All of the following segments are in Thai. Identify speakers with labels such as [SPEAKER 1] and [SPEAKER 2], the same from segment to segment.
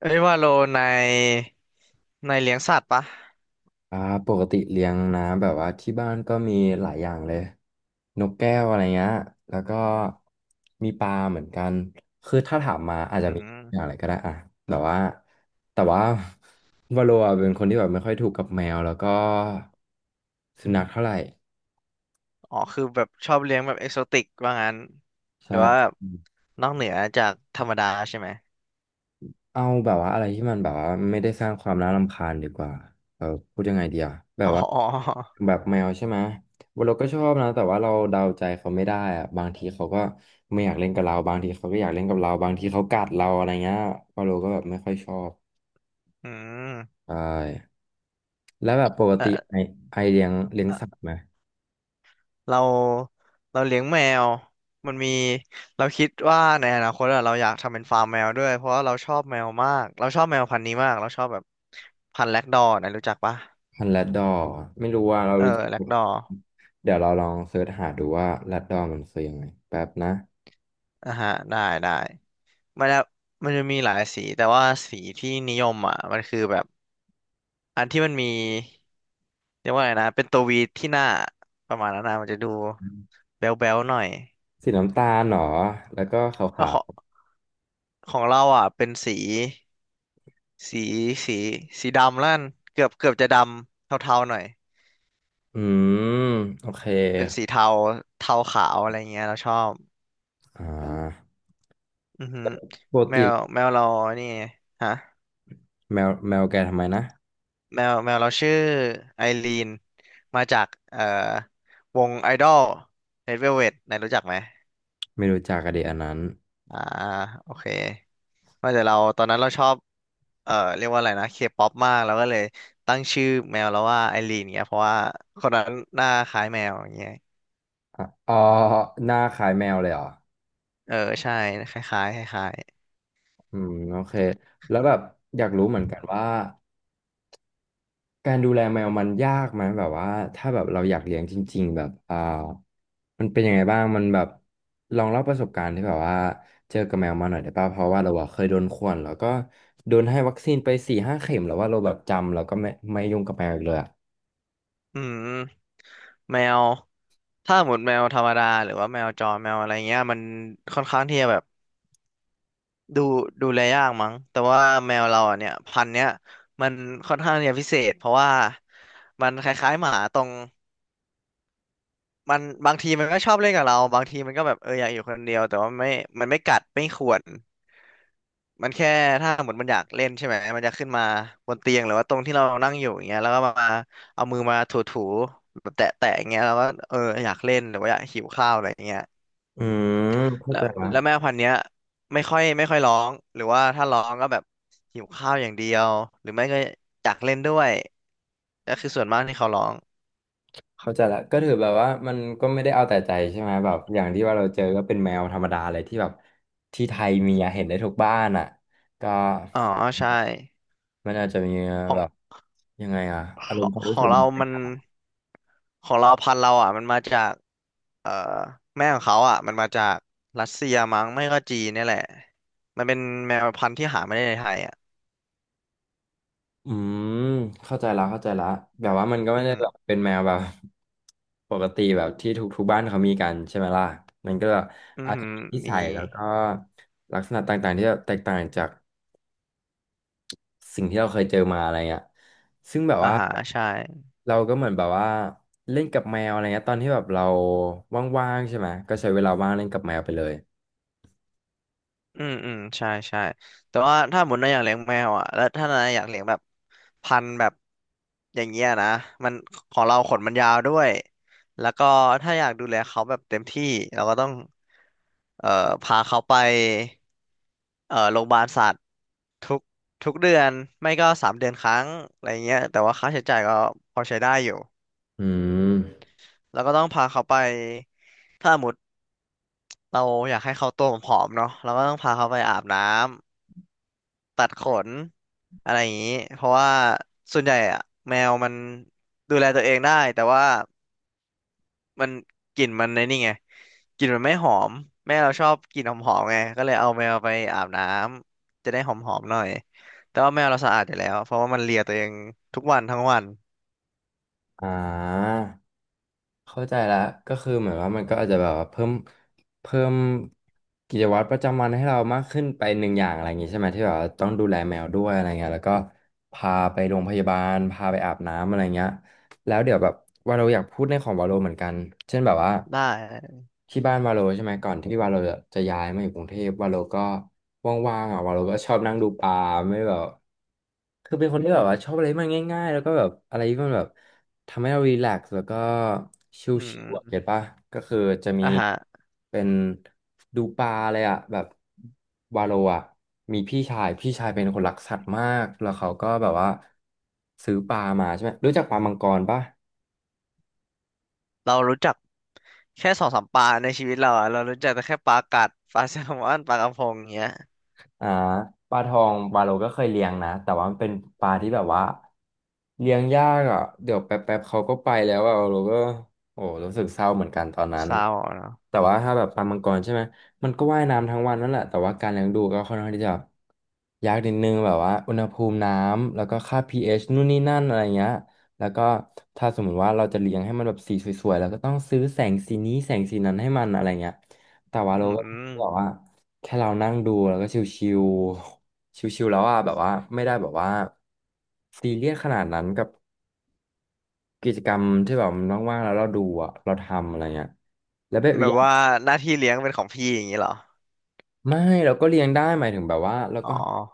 [SPEAKER 1] เอ้ยว่าโลในในเลี้ยงสัตว์ปะ
[SPEAKER 2] อ่าปกติเลี้ยงนะแบบว่าที่บ้านก็มีหลายอย่างเลยนกแก้วอะไรเงี้ยแล้วก็มีปลาเหมือนกันคือถ้าถามมาอาจ
[SPEAKER 1] อื
[SPEAKER 2] จะมีอย่างอะ
[SPEAKER 1] ม
[SPEAKER 2] ไรก็ได้อ่ะแต่ว่าแต่ว่า วาโลอะเป็นคนที่แบบไม่ค่อยถูกกับแมวแล้วก็สุนัขเท่าไหร่
[SPEAKER 1] อ๋อคือแบบชอบเลี้ยงแบบเอกโซติกว่างั้นหรื
[SPEAKER 2] ใช่
[SPEAKER 1] อว่าแบบนอกเหนือจากธรรมดาใช่ไหม
[SPEAKER 2] เอาแบบว่าอะไรที่มันแบบว่าไม่ได้สร้างความน่ารำคาญดีกว่าเออพูดยังไงดีอะแบ
[SPEAKER 1] อ๋
[SPEAKER 2] บว่า
[SPEAKER 1] อ
[SPEAKER 2] แบบแมวใช่ไหมเราก็ชอบนะแต่ว่าเราเดาใจเขาไม่ได้อะบางทีเขาก็ไม่อยากเล่นกับเราบางทีเขาก็อยากเล่นกับเราบางทีเขากัดเราอะไรเงี้ยพอเราก็แบบไม่ค่อยชอบ
[SPEAKER 1] อืม
[SPEAKER 2] ใช่แล้วแบบปกติ
[SPEAKER 1] เออ
[SPEAKER 2] ไอเลี้ยง
[SPEAKER 1] เอ่
[SPEAKER 2] สัต
[SPEAKER 1] อ
[SPEAKER 2] ว์ไหม
[SPEAKER 1] เราเราเลี้ยงแมว มันมีเราคิดว่าในอนาคตอะเราอยากทำเป็นฟาร์มแมวด้วยเพราะว่าเราชอบแมวมาก เราชอบแมวพันธุ์นี้มาก เราชอบแบบพันธุ์แล็กดอร์นะรู้จักปะ
[SPEAKER 2] พันธุ์แรดดอร์ไม่รู้ว่าเรา
[SPEAKER 1] เออ
[SPEAKER 2] รู้จัก
[SPEAKER 1] แล็กดอร์
[SPEAKER 2] เดี๋ยวเราลองเสิร์ชหาดูว่าแรดดอร์มันคือยังไงแป๊บนะ
[SPEAKER 1] อ่ะฮะได้ได้ มันจะมันจะมีหลายสีแต่ว่าสีที่นิยมอ่ะมันคือแบบอันที่มันมีเรียกว่าไงนะเป็นตัววีที่หน้าประมาณนั้นนะมันจะดูแบ๊วๆหน่อย
[SPEAKER 2] สีน้ำตาลเหรอแล้วก็
[SPEAKER 1] เออ
[SPEAKER 2] ขา
[SPEAKER 1] ข
[SPEAKER 2] ว
[SPEAKER 1] องของเราอ่ะเป็นสีสีสีสีดำแล้วกันเกือบเกือบจะดำเทาๆหน่อย
[SPEAKER 2] อืมโอเค
[SPEAKER 1] เป็นสีเทาเทาขาวอะไรเงี้ยเราชอบ
[SPEAKER 2] อ่า
[SPEAKER 1] อือหือ
[SPEAKER 2] ป
[SPEAKER 1] แม
[SPEAKER 2] กติ
[SPEAKER 1] วแมวเรานี่ฮะ
[SPEAKER 2] แมวแมวแกทำไมนะ
[SPEAKER 1] แมวแมวเราชื่อไอรีนมาจากวงไอดอล Red Velvet นายรู้จักไหม
[SPEAKER 2] ไม่รู้จักกันดีอันนั้น
[SPEAKER 1] อ่าโอเคว่าแต่เราตอนนั้นเราชอบเรียกว่าอะไรนะเคป๊อปมากแล้วก็เลยตั้งชื่อแมวแล้วว่าไอรีนเนี่ยเพราะว่าคนนั้นหน้าคล้ายแมวอย่างเงี้ย
[SPEAKER 2] อ๋อหน้าคล้ายแมวเลยเหรอ
[SPEAKER 1] เออใช่คล้ายๆคล้าย
[SPEAKER 2] อืมโอเคแล้วแบบอยากรู้เหมือนกันว่าการดูแลแมวมันยากไหมแบบว่าถ้าแบบเราอยากเลี้ยงจริงๆแบบมันเป็นยังไงบ้างมันแบบลองเล่าประสบการณ์ที่แบบว่าเจอกับแมวมาหน่อยได้ป่ะเพราะว่าเราอะเคยโดนข่วนแล้วก็โดนให้วัคซีนไป4-5 เข็มแล้วว่าเราแบบจำแล้วก็ไม่ยุ่งกับแมวอีกเลยอะ
[SPEAKER 1] ๆอืมแมวถ้าหมดแมวธรรมดาหรือว่าแมวจรแมวอะไรเงี้ยมันค่อนข้างที่จะแบบดูดูแลยากมั้งแต่ว่าแมวเราอ่ะเนี่ยพันธุ์เนี้ยมันค่อนข้างที่จะพิเศษเพราะว่ามันคล้ายๆหมาตรง มันบางทีมันก็ชอบเล่นกับเราบางทีมันก็แบบเอออยากอยู่คนเดียวแต่ว่าไม่มันไม่กัดไม่ข่วนมันแค่ถ้าหมดมันอยากเล่นใช่ไหมมันจะขึ้นมาบนเตียงหรือว่าตรงที่เรานั่งอยู่อย่างเงี้ยแล้วก็มาเอามือมาถูๆแบบแตะๆอย่างเงี้ยแล้วก็เอออยากเล่นหรือว่าอยากหิวข้าวอะไรอย่างเงี้ย
[SPEAKER 2] อืมเข้า
[SPEAKER 1] แล้
[SPEAKER 2] ใจ
[SPEAKER 1] ว
[SPEAKER 2] ละ
[SPEAKER 1] แล้วแม่พันธุ์เนี้ยไม่ค่อยไม่ค่อยร้องหรือว่าถ้าร้องก็แบบหิวข้าวอย่างเดียวหรือไม่ก็อยากเล่นด้วยก็คือส่วนมากที่เขาร้อง
[SPEAKER 2] เข้าใจละก็ถือแบบว่ามันก็ไม่ได้เอาแต่ใจใช่ไหมแบบอย่างที่ว่าเราเจอก็เป็นแมวธรรมดาเลยที่แบบที่ไทยมีอะเห็นได้ทุกบ้านอ่ะก็
[SPEAKER 1] อ๋อใช่
[SPEAKER 2] มันอาจจะมี
[SPEAKER 1] ของ
[SPEAKER 2] แบบยังไงอ่ะ
[SPEAKER 1] ข
[SPEAKER 2] อารม
[SPEAKER 1] อ
[SPEAKER 2] ณ์
[SPEAKER 1] ง
[SPEAKER 2] ความ
[SPEAKER 1] ข
[SPEAKER 2] รู้
[SPEAKER 1] อ
[SPEAKER 2] สึ
[SPEAKER 1] ง
[SPEAKER 2] ก
[SPEAKER 1] เรา
[SPEAKER 2] มันแตก
[SPEAKER 1] มัน
[SPEAKER 2] ต่าง
[SPEAKER 1] ของเราพันธุ์เราอ่ะมันมาจากเอ่อแม่ของเขาอ่ะมันมาจากรัสเซียมั้งไม่ก็จีนเนี่ยแหละ มันเป็นแมวพันธุ์ที่หาไม่ได้ในไทยอ่ะ
[SPEAKER 2] อืมเข้าใจละเข้าใจละแบบว่ามันก็ไม่
[SPEAKER 1] อือ
[SPEAKER 2] ได้
[SPEAKER 1] หือ
[SPEAKER 2] แบบเป็นแมวแบบปกติแบบที่ทุกบ้านเขามีกันใช่ไหมล่ะมันก็
[SPEAKER 1] อือ
[SPEAKER 2] อาจ
[SPEAKER 1] หื
[SPEAKER 2] จะ
[SPEAKER 1] อ
[SPEAKER 2] มีนิ
[SPEAKER 1] มี
[SPEAKER 2] สัยแล้วก็ลักษณะต่างๆที่แบบแตกต่างจาก สิ่งที่เราเคยเจอมาอะไรเงี้ยซึ่งแบบ
[SPEAKER 1] อา
[SPEAKER 2] ว่า
[SPEAKER 1] หารใช่
[SPEAKER 2] เราก็เหมือนแบบว่าเล่นกับแมวอะไรเงี้ยตอนที่แบบเราว่างๆใช่ไหมก็ใช้เวลาว่างเล่นกับแมวไปเลย
[SPEAKER 1] อืมอืมใช่ใช่แต่ว่าถ้าหมุนนายอยากเลี้ยงแมวอ่ะแล้วถ้านายอยากเลี้ยงแบบพันธุ์แบบอย่างเงี้ยนะมันของเราขนมันยาวด้วยแล้วก็ถ้าอยากดูแลเขาแบบเต็มที่เราก็ต้องเอ่อพาเขาไปโรงพยาบาลสัตว์ทุกทุกเดือนไม่ก็สามเดือนครั้งอะไรเงี้ยแต่ว่าค่าใช้จ่ายก็พอใช้ได้อยู่
[SPEAKER 2] อืม
[SPEAKER 1] แล้วก็ต้องพาเขาไปถ้าสมมติเราอยากให้เขาตัวผอมๆเนาะเราก็ต้องพาเขาไปอาบน้ำ ตัดขนอะไรอย่างนี้เพราะว่าส่วนใหญ่อะแมวมันดูแลตัวเองได้แต่ว่ามันกลิ่นมันในนี่ไงกลิ่นมันไม่หอมแม่เราชอบกลิ่นหอมๆไงก็เลยเอาแมวไปอาบน้ำจะได้หอมๆหน่อยแต่ว่าแมวเราสะอาดอยู่แล้วเพราะว่ามันเลียตัวเองทุกวันทั้งวัน
[SPEAKER 2] อ่าเข้าใจแล้วก็คือเหมือนว่ามันก็อาจจะแบบว่าเพิ่มกิจวัตรประจำวันให้เรามากขึ้นไปหนึ่งอย่างอะไรอย่างงี้ใช่ไหมที่แบบว่าต้องดูแลแมวด้วยอะไรเงี้ยแล้วก็พาไปโรงพยาบาลพาไปอาบน้ำอะไรเงี้ย แล้วเดี๋ยวแบบวาโลอยากพูดในของวาโลเหมือนกัน เช่นแบบว่า
[SPEAKER 1] ได้
[SPEAKER 2] ที่บ้านวาโลใช่ไหมก่อนที่วาโลจะย้ายมาอยู่กรุงเทพวาโลก็ว่างๆอ่ะวาโลก็ชอบนั่งดูปลาไม่แบบคือเป็นคนที่แบบว่าชอบอะไรที่มันง่ายๆแล้วก็แบบอะไรที่มันแบบทำให้เรารีแลกซ์แล้วก็ช
[SPEAKER 1] อื
[SPEAKER 2] ิลๆอ่ะเก็
[SPEAKER 1] ม
[SPEAKER 2] ตป่ะก็คือจะมี
[SPEAKER 1] อ่ะฮะ
[SPEAKER 2] เป็นดูปลาเลยอ่ะแบบ วาโลอ่ะมีพี่ชายพี่ชายเป็นคนรักสัตว์มากแล้วเขาก็แบบว่าซื้อปลามาใช่ไหมรู้จักปลามังกรป่ะ
[SPEAKER 1] เรารู้จักแค่2-3ปลาในชีวิตเราอะเรารู้จักแต่แค่ปลากัดปลาแซลมอนปลากระพงอย่างเงี้ย
[SPEAKER 2] อ่าปลาทองปลาโลก็เคยเลี้ยงนะแต่ว่ามันเป็นปลาที่แบบว่าเลี้ยงยากอ่ะเดี๋ยวแป๊บๆเขาก็ไปแล้วอ่ะเราก็โอ้รู้สึกเศร้าเหมือนกันตอนนั้น
[SPEAKER 1] เศร้าเนาะ
[SPEAKER 2] แต่ว่าถ้าแบบปลามังกรใช่ไหมมันก็ว่ายน้ำทั้งวันนั่นแหละแต่ว่าการเลี้ยงดูก็ค่อนข้างที่จะยากนิดนึงแบบว่าอุณหภูมิน้ำแล้วก็ค่าพีเอชนู่นนี่นั่นอะไรเงี้ยแล้วก็ถ้าสมมติว่าเราจะเลี้ยงให้มันแบบสีสวยๆแล้วก็ต้องซื้อแสงสีนี้แสงสีนั้นให้มันอะไรเงี้ยแต่ว่า
[SPEAKER 1] อื
[SPEAKER 2] เราก็
[SPEAKER 1] ม
[SPEAKER 2] บอกว่า แค่เรานั่งดูแล้วก็ชิวๆ ชิวๆแล้วอ่ะแบบว่าไม่ได้แบบว่าซีเรียสขนาดนั้นกับกิจกรรมที่แบบมันว่างๆแล้วเราดูอ่ะเราทำอะไรเงี้ยแล้วแบบอ
[SPEAKER 1] แบ
[SPEAKER 2] กอ
[SPEAKER 1] บ
[SPEAKER 2] ย่าง
[SPEAKER 1] ว่าหน้าที่เลี้ยงเป็นของพี่อย่างนี้เหรอ
[SPEAKER 2] ไม่เราก็เลี้ยงได้หมายถึงแบบว่าเรา
[SPEAKER 1] อ๋อ
[SPEAKER 2] ก็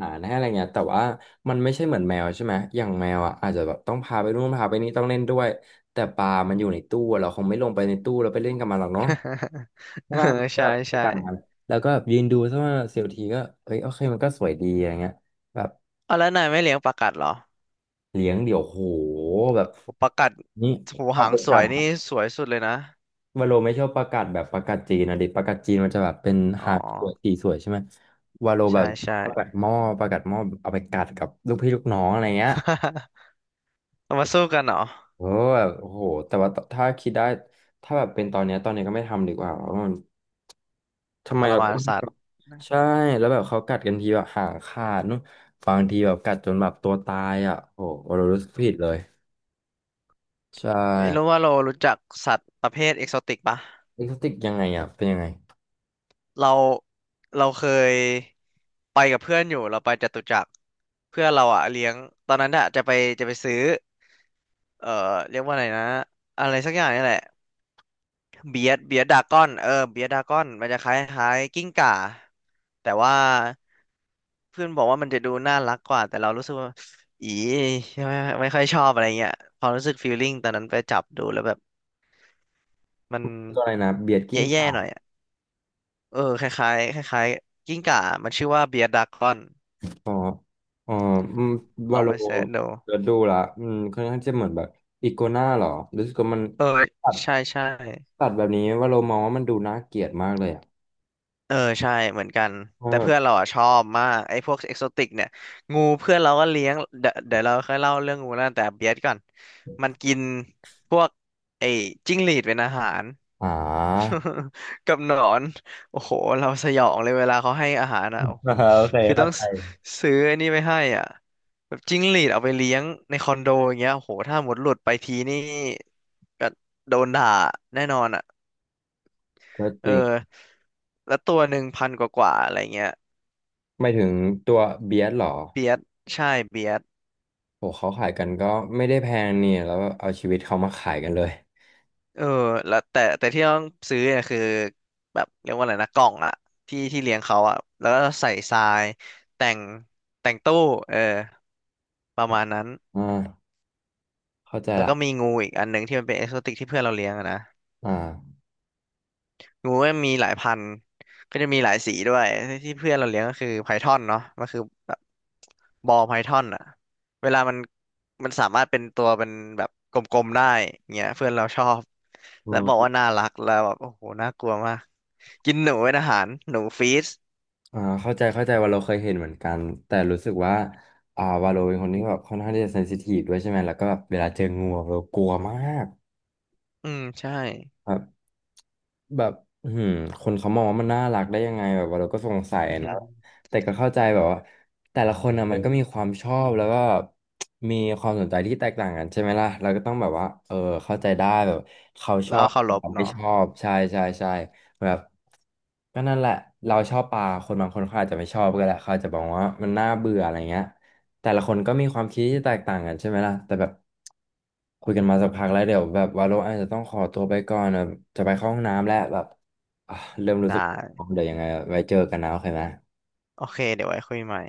[SPEAKER 2] หาให้อะไรเงี้ยแต่ว่ามันไม่ใช่เหมือนแมวใช่ไหมอย่างแมวอ่ะอาจจะแบบต้องพาไปนู่นพาไปนี่ต้องเล่นด้วยแต่ปลามันอยู่ในตู้อะเราคงไม่ลงไปในตู้แล้วไปเล่นกับมันหรอกเนาะ ใช่
[SPEAKER 1] เออ
[SPEAKER 2] ป่ะมันก็
[SPEAKER 1] ใช่
[SPEAKER 2] แบบใช้
[SPEAKER 1] ใช่
[SPEAKER 2] การมันแล้วก็แบบยืนดูสักว่าเสียวทีก็เอ้ยโอเคมันก็สวยดีอะไรเงี้ยแบบ
[SPEAKER 1] เอาแล้วนายไม่เลี้ยงปลากัดเหรอ
[SPEAKER 2] เลี้ยงเดี๋ยวโหแบบ
[SPEAKER 1] โอปลากัด
[SPEAKER 2] นี่
[SPEAKER 1] หู
[SPEAKER 2] เอา
[SPEAKER 1] หาง
[SPEAKER 2] ประ
[SPEAKER 1] ส
[SPEAKER 2] กา
[SPEAKER 1] ว
[SPEAKER 2] ศ
[SPEAKER 1] ยนี่สวยสุดเลยนะ
[SPEAKER 2] วาโลไม่ชอบประกาศแบบประกาศจีนนะดิประกาศจีนมันจะแบบเป็น
[SPEAKER 1] อ๋อ
[SPEAKER 2] หางสวยสีสวยใช่ไหมวาโลแบ
[SPEAKER 1] ใช่
[SPEAKER 2] บ
[SPEAKER 1] ใช่
[SPEAKER 2] ประกาศหม้อประกาศหม้อเอาไปกัดกับลูกพี่ลูกน้องอะไรเงี้ย
[SPEAKER 1] เรามาสู้กันเหรอ
[SPEAKER 2] เออแบบโอ้โหแต่ว่าถ้าคิดได้ถ้าแบบเป็นตอนเนี้ยตอนเนี้ยก็ไม่ทำดีกว่าเพราะมันทำ
[SPEAKER 1] ท
[SPEAKER 2] ไม
[SPEAKER 1] ร
[SPEAKER 2] เรา
[SPEAKER 1] มา
[SPEAKER 2] ต้
[SPEAKER 1] น
[SPEAKER 2] อง
[SPEAKER 1] สัตว์
[SPEAKER 2] ใช่แล้วแบบเขากัดกันทีแบบหางขาดนู่นบางทีแบบกัดจนแบบตัวตายอ่ะโอ้โหวาโลรู้สึกผิดเลยใช่
[SPEAKER 1] ไม่รู้ว่าเรารู้จักสัตว์ประเภทเอกโซติกปะ
[SPEAKER 2] เอ็กโซติกยังไงอ่ะเป็นยังไง
[SPEAKER 1] เราเราเคยไปกับเพื่อนอยู่เราไปจตุจักรเพื่อนเราอะเลี้ยงตอนนั้นอะจะไปจะไปซื้อเอ่อเรียกว่าอะไรนะอะไรสักอย่างนี่แหละ เบียดเบียดดากอนเออเบียดดากอนมันจะคล้ายคล้ายกิ้งก่าแต่ว่าเพื่อนบอกว่ามันจะดูน่ารักกว่าแต่เรารู้สึกว่าอีไม่ไม่ค่อยชอบอะไรเงี้ยความรู้สึกฟีลลิ่งตอนนั้นไปจับดูแล้วแบบมัน
[SPEAKER 2] ตัวอะไรนะเบียดกิ้ง
[SPEAKER 1] แย่
[SPEAKER 2] ก่า
[SPEAKER 1] ๆหน่อยอะเออคล้ายๆคล้ายๆกิ้งก่ามันชื่อว่าเบียดดากอน
[SPEAKER 2] อ๋ออ๋ออืม
[SPEAKER 1] ล
[SPEAKER 2] วา
[SPEAKER 1] อง
[SPEAKER 2] โล
[SPEAKER 1] ไปเสิร์ชดู
[SPEAKER 2] เดี๋ยวดูละอืมค่อนข้างจะเหมือนแบบอีโกนาหรอรู้สึกว่ามัน
[SPEAKER 1] เออ
[SPEAKER 2] ตัด
[SPEAKER 1] ใช่ใช่
[SPEAKER 2] ตัดแบบนี้วาโลมองว่ามันดูน่าเกลียดมากเลยอ่ะ
[SPEAKER 1] เออใช่เหมือนกัน
[SPEAKER 2] เพราะ
[SPEAKER 1] แต่
[SPEAKER 2] แบบ
[SPEAKER 1] เพื่อนเราอ่ะชอบมากไอ้พวกเอกโซติกเนี่ยงูเพื่อนเราก็เลี้ยงเดี๋ยวเดี๋ยวเราค่อยเล่าเรื่องงูแล้วแต่เบียดก่อนมันกินพวกไอ้จิ้งหรีดเป็นอาหาร
[SPEAKER 2] อ่า
[SPEAKER 1] กับหนอนโอ้โหเราสยองเลยเวลาเขาให้อาหารอ่ะโอ้
[SPEAKER 2] โอเค
[SPEAKER 1] คือต้
[SPEAKER 2] เข้า
[SPEAKER 1] อง
[SPEAKER 2] ใจ
[SPEAKER 1] ซซื้อไอ้นี่ไปให้อ่ะแบบจิ้งหรีดเอาไปเลี้ยงในคอนโดอย่างเงี้ยโอ้โหถ้าหมดหลุดไปทีนี่ก็โดนด่าแน่นอนอ่ะ
[SPEAKER 2] ก็จ
[SPEAKER 1] เออ
[SPEAKER 2] ริง
[SPEAKER 1] แล้วตัว1,000กว่าๆอะไรเงี้ย
[SPEAKER 2] ไม่ถึงตัวเบียดหรอ
[SPEAKER 1] เบียดใช่เบียด
[SPEAKER 2] โหเขาขายกันก็ไม่ได้แพงเนี่ยแล้วเอาชีวิตเขามาขายกันเลย
[SPEAKER 1] เออแล้วแต่แต่ที่ต้องซื้อเนี่ยคือแบบเรียกว่าอะไรนะกล่องอะที่ที่เลี้ยงเขาอะแล้วก็ใส่ทรายแต่งแต่งตู้เออประมาณนั้น
[SPEAKER 2] อ่าเข้าใจ
[SPEAKER 1] แล้ว
[SPEAKER 2] ละ
[SPEAKER 1] ก็มีงูอีกอันหนึ่งที่มันเป็นเอ็กโซติกที่เพื่อนเราเลี้ยงอะนะ
[SPEAKER 2] อ่า
[SPEAKER 1] งูก็มีหลายพันธุ์ก็จะมีหลายสีด้วยที่เพื่อนเราเลี้ยงก็คือไพทอนเนาะมันคือแบบบอลไพทอนอะ เวลามันมันสามารถเป็นตัวเป็นแบบกลมๆได้เงี้ยเพื่อนเราชอบแล้วบอกว่าน่ารักแล้วแบบโอ้โหน่ากลัวมากกินหนูเป็นอาหารหนูฟีส
[SPEAKER 2] อ่าเข้าใจเข้าใจว่าเราเคยเห็นเหมือนกันแต่รู้สึกว่าวาโลเป็นคนที่แบบค่อนข้างที่จะเซนซิทีฟด้วยใช่ไหมแล้วก็แบบเวลาเจองูอะเรากลัวมาก
[SPEAKER 1] อืมใช่
[SPEAKER 2] แบบอืมคนเขามองว่ามันน่ารักได้ยังไงแบบว่าเราก็สงสัยนะ แต่ก็เข้าใจแบบว่าแต่ละคนนะมันก็มีความชอบแล้วก็มีความสนใจที่แตกต่างกันใช่ไหมล่ะเราก็ต้องแบบว่าเออเข้าใจได้แบบเขาช
[SPEAKER 1] แล้
[SPEAKER 2] อ
[SPEAKER 1] วก็
[SPEAKER 2] บ
[SPEAKER 1] เคา
[SPEAKER 2] แต่
[SPEAKER 1] รพ
[SPEAKER 2] เราไม่
[SPEAKER 1] เนาะ
[SPEAKER 2] ชอบใช่ใช่ใช่แบบก็นั่นแหละเราชอบปลาคนบางคนเขาอาจจะไม่ชอบก็ได้เขาอาจจะบอกว่ามันน่าเบื่ออะไรเงี้ย แต่ละคนก็มีความคิดที่แตกต่างกันใช่ไหมล่ะแต่แบบคุยกันมาสักพักแล้วเดี๋ยวแบบวาโลอาจจะต้องขอตัวไปก่อนนะจะไปเข้าห้องน้ำแล้วแบบอ่ะเริ่มรู้
[SPEAKER 1] ได้
[SPEAKER 2] สึกเดี๋ยวยังไงไว้เจอกันนะโอเคไหม
[SPEAKER 1] โอเคเดี๋ยวไว้คุยใหม่